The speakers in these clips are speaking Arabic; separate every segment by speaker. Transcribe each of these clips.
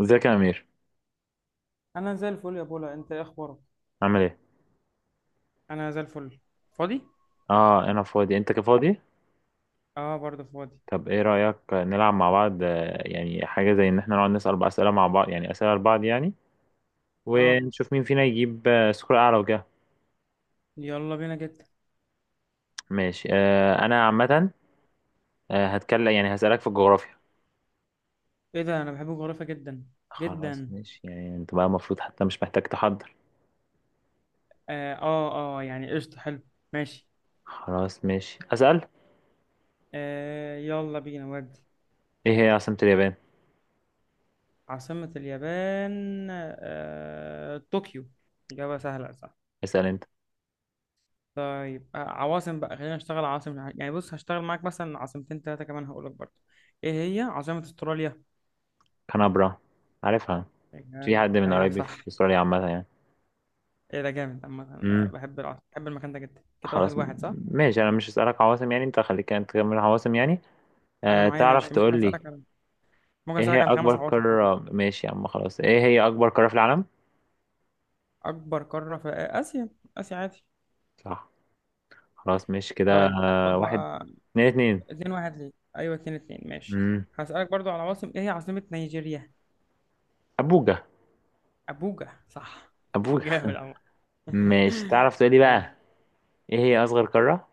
Speaker 1: ازيك يا امير؟
Speaker 2: انا زي الفل يا بولا، انت ايه اخبارك؟
Speaker 1: عامل ايه؟
Speaker 2: انا زي الفل. فاضي.
Speaker 1: اه انا فاضي انت كفاضي.
Speaker 2: اه، برضه فاضي.
Speaker 1: طب ايه رايك نلعب مع بعض، يعني حاجه زي ان احنا نقعد نسال بقى اسئله مع بعض، يعني اسئله لبعض يعني.
Speaker 2: اه،
Speaker 1: ونشوف مين فينا يجيب سكور اعلى وكده.
Speaker 2: يلا بينا جدا.
Speaker 1: ماشي، انا عامه. هتكلم، يعني هسالك في الجغرافيا.
Speaker 2: ايه ده؟ انا بحب الجغرافيا جدا.
Speaker 1: خلاص
Speaker 2: جدا.
Speaker 1: ماشي، يعني انت بقى المفروض حتى مش محتاج تحضر.
Speaker 2: اه، يعني قشطة، حلو. ماشي.
Speaker 1: خلاص ماشي اسال.
Speaker 2: يلا بينا ودي.
Speaker 1: ايه هي عاصمه اليابان؟
Speaker 2: عاصمة اليابان طوكيو. إجابة سهلة، صح؟
Speaker 1: اسال انت.
Speaker 2: طيب، عواصم بقى، خلينا نشتغل عواصم، يعني بص هشتغل معاك مثلا عاصمتين تلاتة كمان هقولك برضه. ايه هي عاصمة استراليا؟
Speaker 1: كانبرا. عارفها. في حد من
Speaker 2: ايوه
Speaker 1: قرايبي في
Speaker 2: صح.
Speaker 1: استراليا عامه يعني.
Speaker 2: ايه ده؟ جامد عامة، أنا
Speaker 1: امم
Speaker 2: بحب العصر، بحب المكان ده جدا، كده واحد
Speaker 1: خلاص
Speaker 2: واحد صح.
Speaker 1: ماشي، انا مش هسألك عواصم، يعني انت خليك انت تكمل عواصم يعني.
Speaker 2: انا
Speaker 1: آه
Speaker 2: معايا
Speaker 1: تعرف، ماشي
Speaker 2: ماشي،
Speaker 1: تقول لي.
Speaker 2: ممكن
Speaker 1: ايه
Speaker 2: اسالك
Speaker 1: هي
Speaker 2: على خمس
Speaker 1: اكبر
Speaker 2: عواصم كمان.
Speaker 1: قارة؟ ماشي يا عم خلاص، ايه هي اكبر قارة في العالم؟
Speaker 2: اكبر قارة في اسيا. اسيا، عادي.
Speaker 1: صح. خلاص ماشي كده.
Speaker 2: طيب. خد
Speaker 1: واحد
Speaker 2: بقى.
Speaker 1: اتنين اتنين.
Speaker 2: اتنين واحد؟ ليه؟ ايوه اتنين اتنين، ماشي.
Speaker 1: امم
Speaker 2: هسالك برضو على عواصم. ايه هي عاصمة نيجيريا؟
Speaker 1: ابوجا.
Speaker 2: ابوجا، صح. جامد
Speaker 1: ابوجا.
Speaker 2: عامة.
Speaker 1: ماشي تعرف تقول لي
Speaker 2: ماشي.
Speaker 1: بقى. ايه هي اصغر قارة؟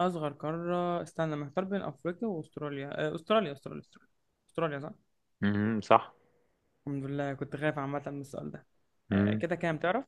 Speaker 2: اصغر قارة، استنى محتار بين افريقيا واستراليا. استراليا استراليا استراليا. استراليا، صح.
Speaker 1: امم، صح.
Speaker 2: الحمد لله، كنت خايف عامة من السؤال ده.
Speaker 1: امم
Speaker 2: كده كام، تعرف؟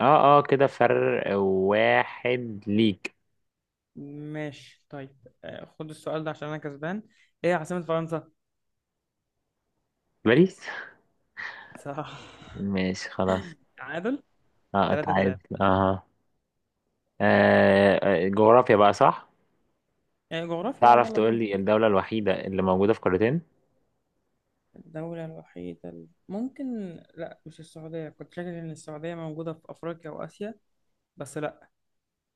Speaker 1: اه اه، كده فرق واحد ليك.
Speaker 2: ماشي، طيب. خد السؤال ده عشان انا كسبان. ايه عاصمة فرنسا؟
Speaker 1: باريس.
Speaker 2: صح.
Speaker 1: ماشي خلاص.
Speaker 2: تعادل.
Speaker 1: اه
Speaker 2: 3
Speaker 1: تعادل
Speaker 2: 3.
Speaker 1: اه، جغرافيا بقى صح.
Speaker 2: يعني جغرافيا.
Speaker 1: تعرف
Speaker 2: يلا
Speaker 1: تقول
Speaker 2: بينا.
Speaker 1: لي الدولة الوحيدة اللي موجودة في قارتين؟
Speaker 2: الدولة الوحيدة ممكن. لا، مش السعودية، كنت فاكر ان السعودية موجودة في افريقيا واسيا. بس لا.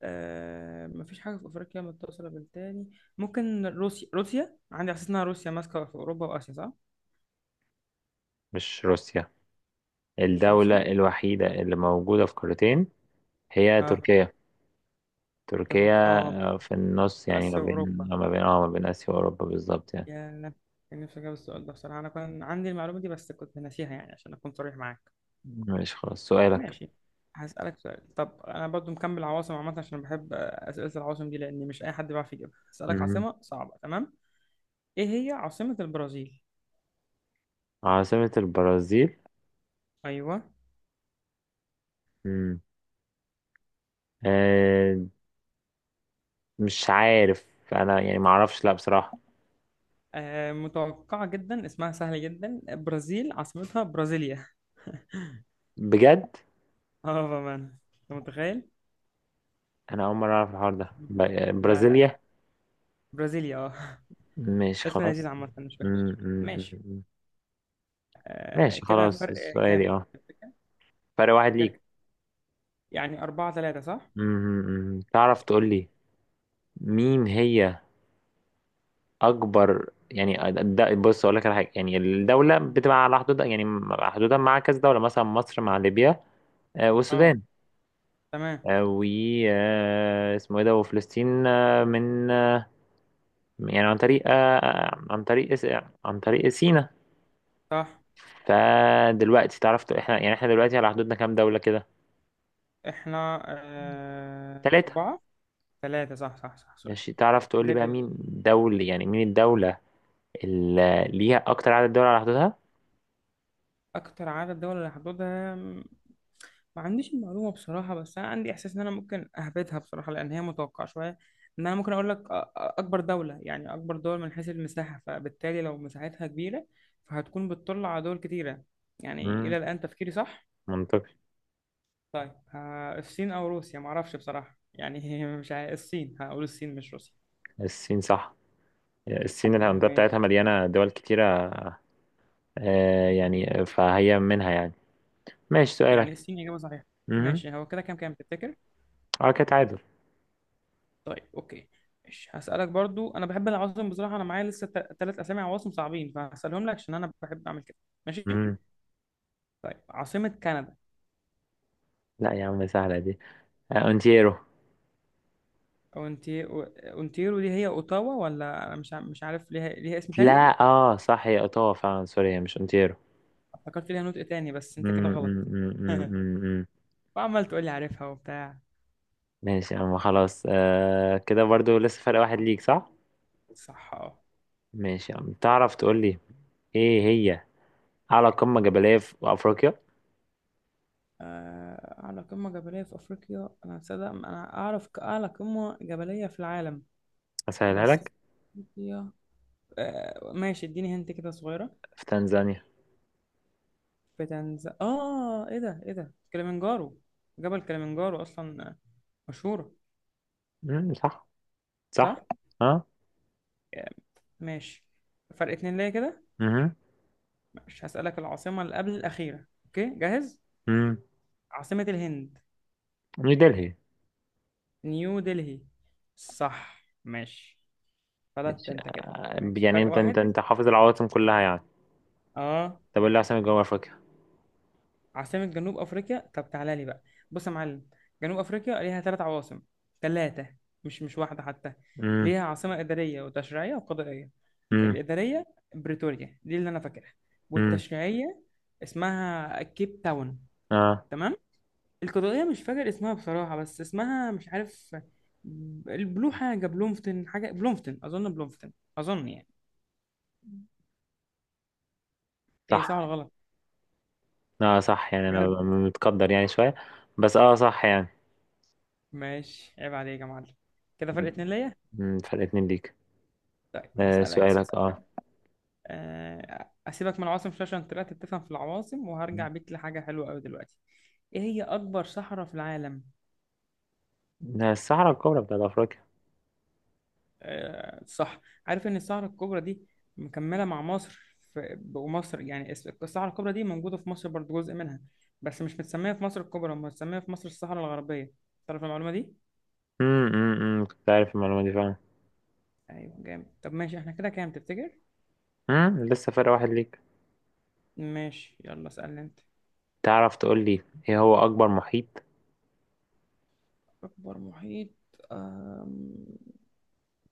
Speaker 2: مفيش حاجة في افريقيا متصلة بالتاني. ممكن روسيا، روسيا عندي احساس انها روسيا ماسكة في اوروبا واسيا، صح؟
Speaker 1: مش روسيا.
Speaker 2: مش
Speaker 1: الدولة
Speaker 2: روسيا.
Speaker 1: الوحيدة اللي موجودة في قارتين هي
Speaker 2: اه.
Speaker 1: تركيا. تركيا،
Speaker 2: اه.
Speaker 1: في النص، يعني ما
Speaker 2: اسيا
Speaker 1: بين
Speaker 2: واوروبا.
Speaker 1: ما بين آسيا وأوروبا بالظبط يعني.
Speaker 2: يا. كان نفسي أجاوب السؤال ده بصراحة، أنا كان عندي المعلومة دي بس كنت ناسيها، يعني عشان أكون صريح معاك.
Speaker 1: ماشي خلاص سؤالك.
Speaker 2: ماشي. هسألك سؤال. طب، أنا برضو مكمل عواصم عامة عشان بحب أسئلة العواصم دي، لأن مش أي حد بيعرف يجيبها. هسألك
Speaker 1: مم.
Speaker 2: عاصمة صعبة، تمام؟ إيه هي عاصمة البرازيل؟
Speaker 1: عاصمة البرازيل.
Speaker 2: أيوه.
Speaker 1: مم. آه مش عارف. أنا يعني ما أعرفش لا بصراحة.
Speaker 2: متوقعة جدا، اسمها سهل جدا، برازيل عاصمتها برازيليا.
Speaker 1: بجد.
Speaker 2: اه، بأمانة. أنت متخيل؟
Speaker 1: أنا أول مرة أعرف الحوار ده
Speaker 2: لا لا.
Speaker 1: برازيليا.
Speaker 2: برازيليا اه.
Speaker 1: ماشي
Speaker 2: اسم
Speaker 1: خلاص.
Speaker 2: لذيذ عامة، مش
Speaker 1: مم،
Speaker 2: وحش،
Speaker 1: مم، مم،
Speaker 2: ماشي.
Speaker 1: مم. ماشي
Speaker 2: كده
Speaker 1: خلاص
Speaker 2: فرق
Speaker 1: السؤال
Speaker 2: كام؟
Speaker 1: اه. فرق واحد ليك.
Speaker 2: فاكر. يعني أربعة ثلاثة، صح؟
Speaker 1: مم. تعرف تقول لي مين هي أكبر، يعني ده بص أقول لك على حاجة، يعني الدولة
Speaker 2: آه.
Speaker 1: بتبقى على حدود يعني. حدودها مع كذا دولة، مثلا مصر مع ليبيا
Speaker 2: اه،
Speaker 1: والسودان،
Speaker 2: تمام.
Speaker 1: آه، و آه، اسمه ايه ده، وفلسطين من يعني عن طريق آه، عن طريق س- عن طريق سيناء.
Speaker 2: صح.
Speaker 1: فدلوقتي تعرف احنا، يعني احنا دلوقتي على حدودنا كام دولة كده؟
Speaker 2: احنا
Speaker 1: ثلاثة.
Speaker 2: أربعة. ثلاثة، صح صح صح، سوري.
Speaker 1: ماشي تعرف تقول لي بقى
Speaker 2: ليبيا
Speaker 1: مين
Speaker 2: والسودان.
Speaker 1: دولة، يعني مين الدولة اللي ليها أكتر عدد دول على حدودها؟
Speaker 2: أكتر عدد دول اللي هحددها. ما عنديش المعلومة بصراحة، بس أنا عندي إحساس إن أنا ممكن أهبطها بصراحة، لأن هي متوقعة شوية. إن أنا ممكن أقول لك أكبر دولة، يعني أكبر دول من حيث المساحة، فبالتالي لو مساحتها كبيرة فهتكون بتطل على دول كتيرة. يعني إلى
Speaker 1: مم.
Speaker 2: الآن تفكيري صح؟
Speaker 1: منطقي.
Speaker 2: طيب، الصين او روسيا معرفش بصراحه يعني مش عارف الصين، هقول الصين مش روسيا.
Speaker 1: الصين صح. الصين الهندسة بتاعتها
Speaker 2: ماشي.
Speaker 1: مليانة دول كتيرة. آه يعني فهي منها يعني. ماشي
Speaker 2: يعني
Speaker 1: سؤالك.
Speaker 2: الصين اجابه صحيحه.
Speaker 1: امم.
Speaker 2: ماشي، هو كده كام تفتكر؟
Speaker 1: اه كده تعادل.
Speaker 2: طيب، اوكي. ماشي، هسالك برضو، انا بحب العواصم بصراحه، انا معايا لسه ثلاث اسامي عواصم صعبين فهسالهم لك عشان انا بحب اعمل كده. ماشي.
Speaker 1: امم.
Speaker 2: طيب، عاصمه كندا؟
Speaker 1: لا يا عم سهلة دي. آه اونتيرو.
Speaker 2: اونتي اونتيرو دي هي اوتاوا، ولا أنا مش عارف ليها اسم تاني؟
Speaker 1: لا اه صح هي اوتاوا فعلا، سوري هي مش اونتيرو.
Speaker 2: افتكرت ليها نطق تاني، بس انت كده غلط.
Speaker 1: أمم، أمم، أمم، أمم.
Speaker 2: وعمال تقول لي عارفها وبتاع.
Speaker 1: ماشي يا عم خلاص، آه كده برضو لسه فرق واحد ليك صح.
Speaker 2: صح.
Speaker 1: ماشي يا عم تعرف تقول لي ايه هي اعلى قمة جبلية في افريقيا؟
Speaker 2: أعلى قمة جبلية في أفريقيا، أنا صدق أنا أعرف أعلى قمة جبلية في العالم.
Speaker 1: اسهلها
Speaker 2: بس
Speaker 1: لك،
Speaker 2: أفريقيا. ماشي، اديني هنت كده صغيرة.
Speaker 1: في تنزانيا.
Speaker 2: في إيه ده، إيه ده، كليمنجارو! جبل كليمنجارو أصلا، مشهورة.
Speaker 1: صح. صح.
Speaker 2: صح؟
Speaker 1: اه.
Speaker 2: آه، ماشي. فرق اتنين ليا كده.
Speaker 1: امم.
Speaker 2: مش هسألك. العاصمة اللي قبل الأخيرة، أوكي؟ جاهز؟
Speaker 1: أمم.
Speaker 2: عاصمة الهند؟
Speaker 1: نيو دلهي.
Speaker 2: نيو دلهي. صح، ماشي. فلت
Speaker 1: مش-
Speaker 2: أنت كده. ماشي،
Speaker 1: يعني
Speaker 2: فرق
Speaker 1: انت انت
Speaker 2: واحد.
Speaker 1: انت حافظ العواصم كلها يعني.
Speaker 2: آه
Speaker 1: طب ايه اللي عاصمة جنوب افريقيا؟
Speaker 2: عاصمة جنوب أفريقيا، طب تعالى لي بقى. بص يا معلم، جنوب أفريقيا ليها ثلاث عواصم. ثلاثة. مش واحدة حتى.
Speaker 1: امم.
Speaker 2: ليها عاصمة إدارية وتشريعية وقضائية.
Speaker 1: امم.
Speaker 2: الإدارية بريتوريا دي اللي أنا فاكرها.
Speaker 1: امم.
Speaker 2: والتشريعية اسمها كيب تاون.
Speaker 1: اه
Speaker 2: تمام. القضائية مش فاكر اسمها بصراحة، بس اسمها مش عارف. حاجة بلومفتن، حاجة بلومفتن، أظن بلومفتن. أظن يعني. إيه،
Speaker 1: صح.
Speaker 2: صح ولا غلط؟
Speaker 1: اه صح، يعني انا
Speaker 2: بجد؟
Speaker 1: ببقى متقدر يعني شوية. بس اه صح يعني.
Speaker 2: ماشي، عيب عليك يا معلم. كده فرق اتنين ليا.
Speaker 1: امم، فرق اتنين ليك.
Speaker 2: طيب
Speaker 1: آه
Speaker 2: هسألك.
Speaker 1: سؤالك اه.
Speaker 2: اسيبك من العواصم شويه، عشان طلعت بتفهم في العواصم، وهرجع بيك لحاجه حلوه قوي دلوقتي. ايه هي اكبر صحراء في العالم؟
Speaker 1: ده الصحراء الكبرى بتاعت افريقيا.
Speaker 2: صح. عارف ان الصحراء الكبرى دي مكمله مع مصر، في ومصر يعني الصحراء الكبرى دي موجوده في مصر برضو، جزء منها. بس مش متسميه في مصر الكبرى، متسميه في مصر الصحراء الغربيه. تعرف المعلومه دي؟
Speaker 1: امم. أمم، كنت عارف المعلومة دي فعلا.
Speaker 2: ايوه جامد. طب ماشي، احنا كده كام تفتكر؟
Speaker 1: امم، لسه فرق واحد ليك.
Speaker 2: ماشي، يلا اسالني انت.
Speaker 1: تعرف تقول لي ايه هو اكبر محيط؟
Speaker 2: اكبر محيط.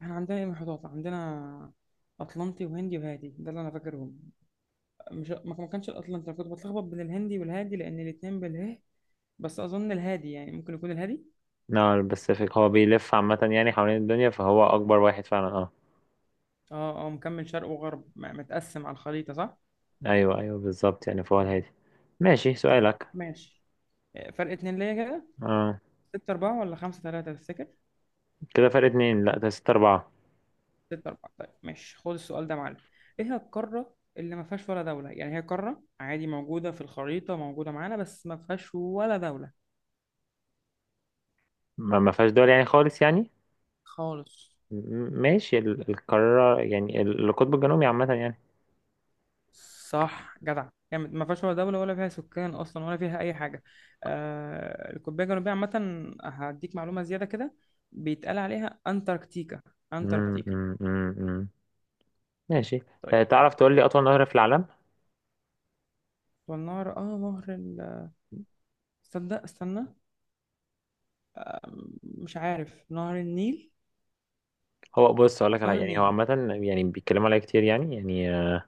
Speaker 2: احنا عندنا ايه محيطات عندنا؟ اطلنطي وهندي وهادي، ده اللي انا فاكرهم. مش، ما كانش الاطلنطي، انا كنت بتلخبط بين الهندي والهادي لان الاتنين باله. بس اظن الهادي، يعني ممكن يكون الهادي.
Speaker 1: لا الباسيفيك هو بيلف عامة يعني حوالين الدنيا، فهو اكبر واحد فعلا اه.
Speaker 2: اه، مكمل شرق وغرب متقسم على الخريطة، صح؟
Speaker 1: ايوه ايوه بالظبط يعني، فهو الهادي. ماشي
Speaker 2: طيب،
Speaker 1: سؤالك.
Speaker 2: ماشي. فرق اتنين ليا كده.
Speaker 1: آه.
Speaker 2: ستة أربعة ولا خمسة تلاتة تفتكر؟
Speaker 1: كده فرق اتنين، لا ده ستة أربعة.
Speaker 2: ستة أربعة. طيب ماشي، خد السؤال ده يا معلم. ايه هي القارة اللي ما فيهاش ولا دولة؟ يعني هي قارة عادي، موجودة في الخريطة، موجودة معانا، بس ما فيهاش ولا دولة.
Speaker 1: ما فيهاش دول يعني خالص يعني.
Speaker 2: خالص.
Speaker 1: ماشي، القارة يعني، القطب الجنوبي عامة يعني.
Speaker 2: صح، جدع. يعني ما فيهاش ولا دولة ولا فيها سكان أصلا ولا فيها أي حاجة. القطبية الجنوبية عامة، هديك معلومة زيادة كده. بيتقال عليها أنتاركتيكا.
Speaker 1: مم،
Speaker 2: أنتاركتيكا.
Speaker 1: مم، مم، مم. ماشي.
Speaker 2: طيب يلا.
Speaker 1: تعرف تقول لي أطول نهر في العالم؟
Speaker 2: والنهر، نهر تصدق، استنى. مش عارف. نهر النيل؟
Speaker 1: هو بص أقول لك
Speaker 2: نهر
Speaker 1: يعني هو
Speaker 2: النيل.
Speaker 1: عامة يعني بيتكلموا عليه كتير يعني آه.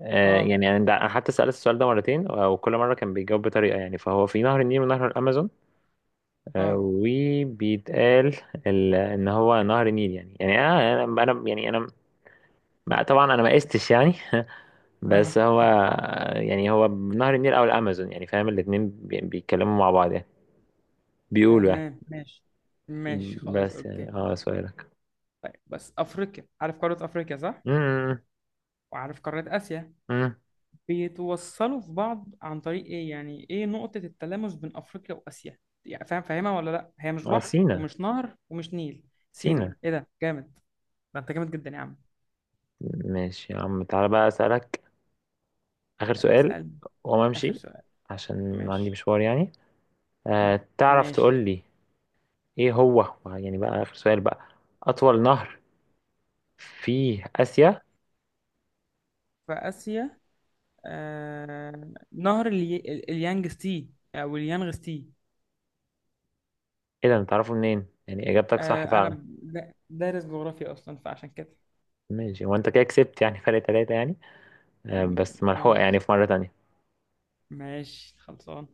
Speaker 2: آه
Speaker 1: يعني أنا حتى سألت السؤال ده مرتين، وكل مرة كان بيجاوب بطريقة يعني، فهو في نهر النيل ونهر الأمازون
Speaker 2: آه.
Speaker 1: وبيتقال ان هو نهر النيل يعني، يعني انا انا أنا- يعني انا ما- طبعا انا ما قستش يعني بس هو
Speaker 2: آه
Speaker 1: يعني هو نهر النيل او الامازون يعني، فاهم الاتنين بيتكلموا مع بعض يعني، بيقولوا يعني.
Speaker 2: تمام. ماشي. ماشي، خلاص،
Speaker 1: بس
Speaker 2: أوكي.
Speaker 1: يعني اه سؤالك.
Speaker 2: طيب بس أفريقيا، عارف قارة أفريقيا صح؟
Speaker 1: امم
Speaker 2: وعارف قارة آسيا؟
Speaker 1: امم
Speaker 2: بيتوصلوا في بعض عن طريق ايه؟ يعني ايه نقطة التلامس بين افريقيا واسيا؟ يعني فاهم، فاهمها ولا لا؟ هي مش
Speaker 1: اه
Speaker 2: بحر
Speaker 1: سينا.
Speaker 2: ومش نهر ومش نيل. سينا،
Speaker 1: سينا.
Speaker 2: ايه ده؟ جامد. ده انت جامد جدا يا عم.
Speaker 1: ماشي يا عم تعالى بقى اسالك اخر سؤال
Speaker 2: اسأل.
Speaker 1: وما
Speaker 2: اخر
Speaker 1: امشي،
Speaker 2: سؤال.
Speaker 1: عشان عندي
Speaker 2: ماشي.
Speaker 1: مشوار يعني.
Speaker 2: م-
Speaker 1: آه تعرف
Speaker 2: ماشي.
Speaker 1: تقول لي ايه هو، يعني بقى اخر سؤال بقى، اطول نهر في آسيا؟
Speaker 2: في اسيا. نهر اليانجستي او اليانغستي.
Speaker 1: ايه ده انت تعرفه منين يعني، اجابتك صح
Speaker 2: انا
Speaker 1: فعلا.
Speaker 2: دارس جغرافيا اصلا، فعشان كده.
Speaker 1: ماشي وانت كده كسبت يعني فرق ثلاثة يعني، بس
Speaker 2: م-
Speaker 1: ملحوقة يعني
Speaker 2: ماشي.
Speaker 1: في مرة تانية.
Speaker 2: ماشي، خلصان.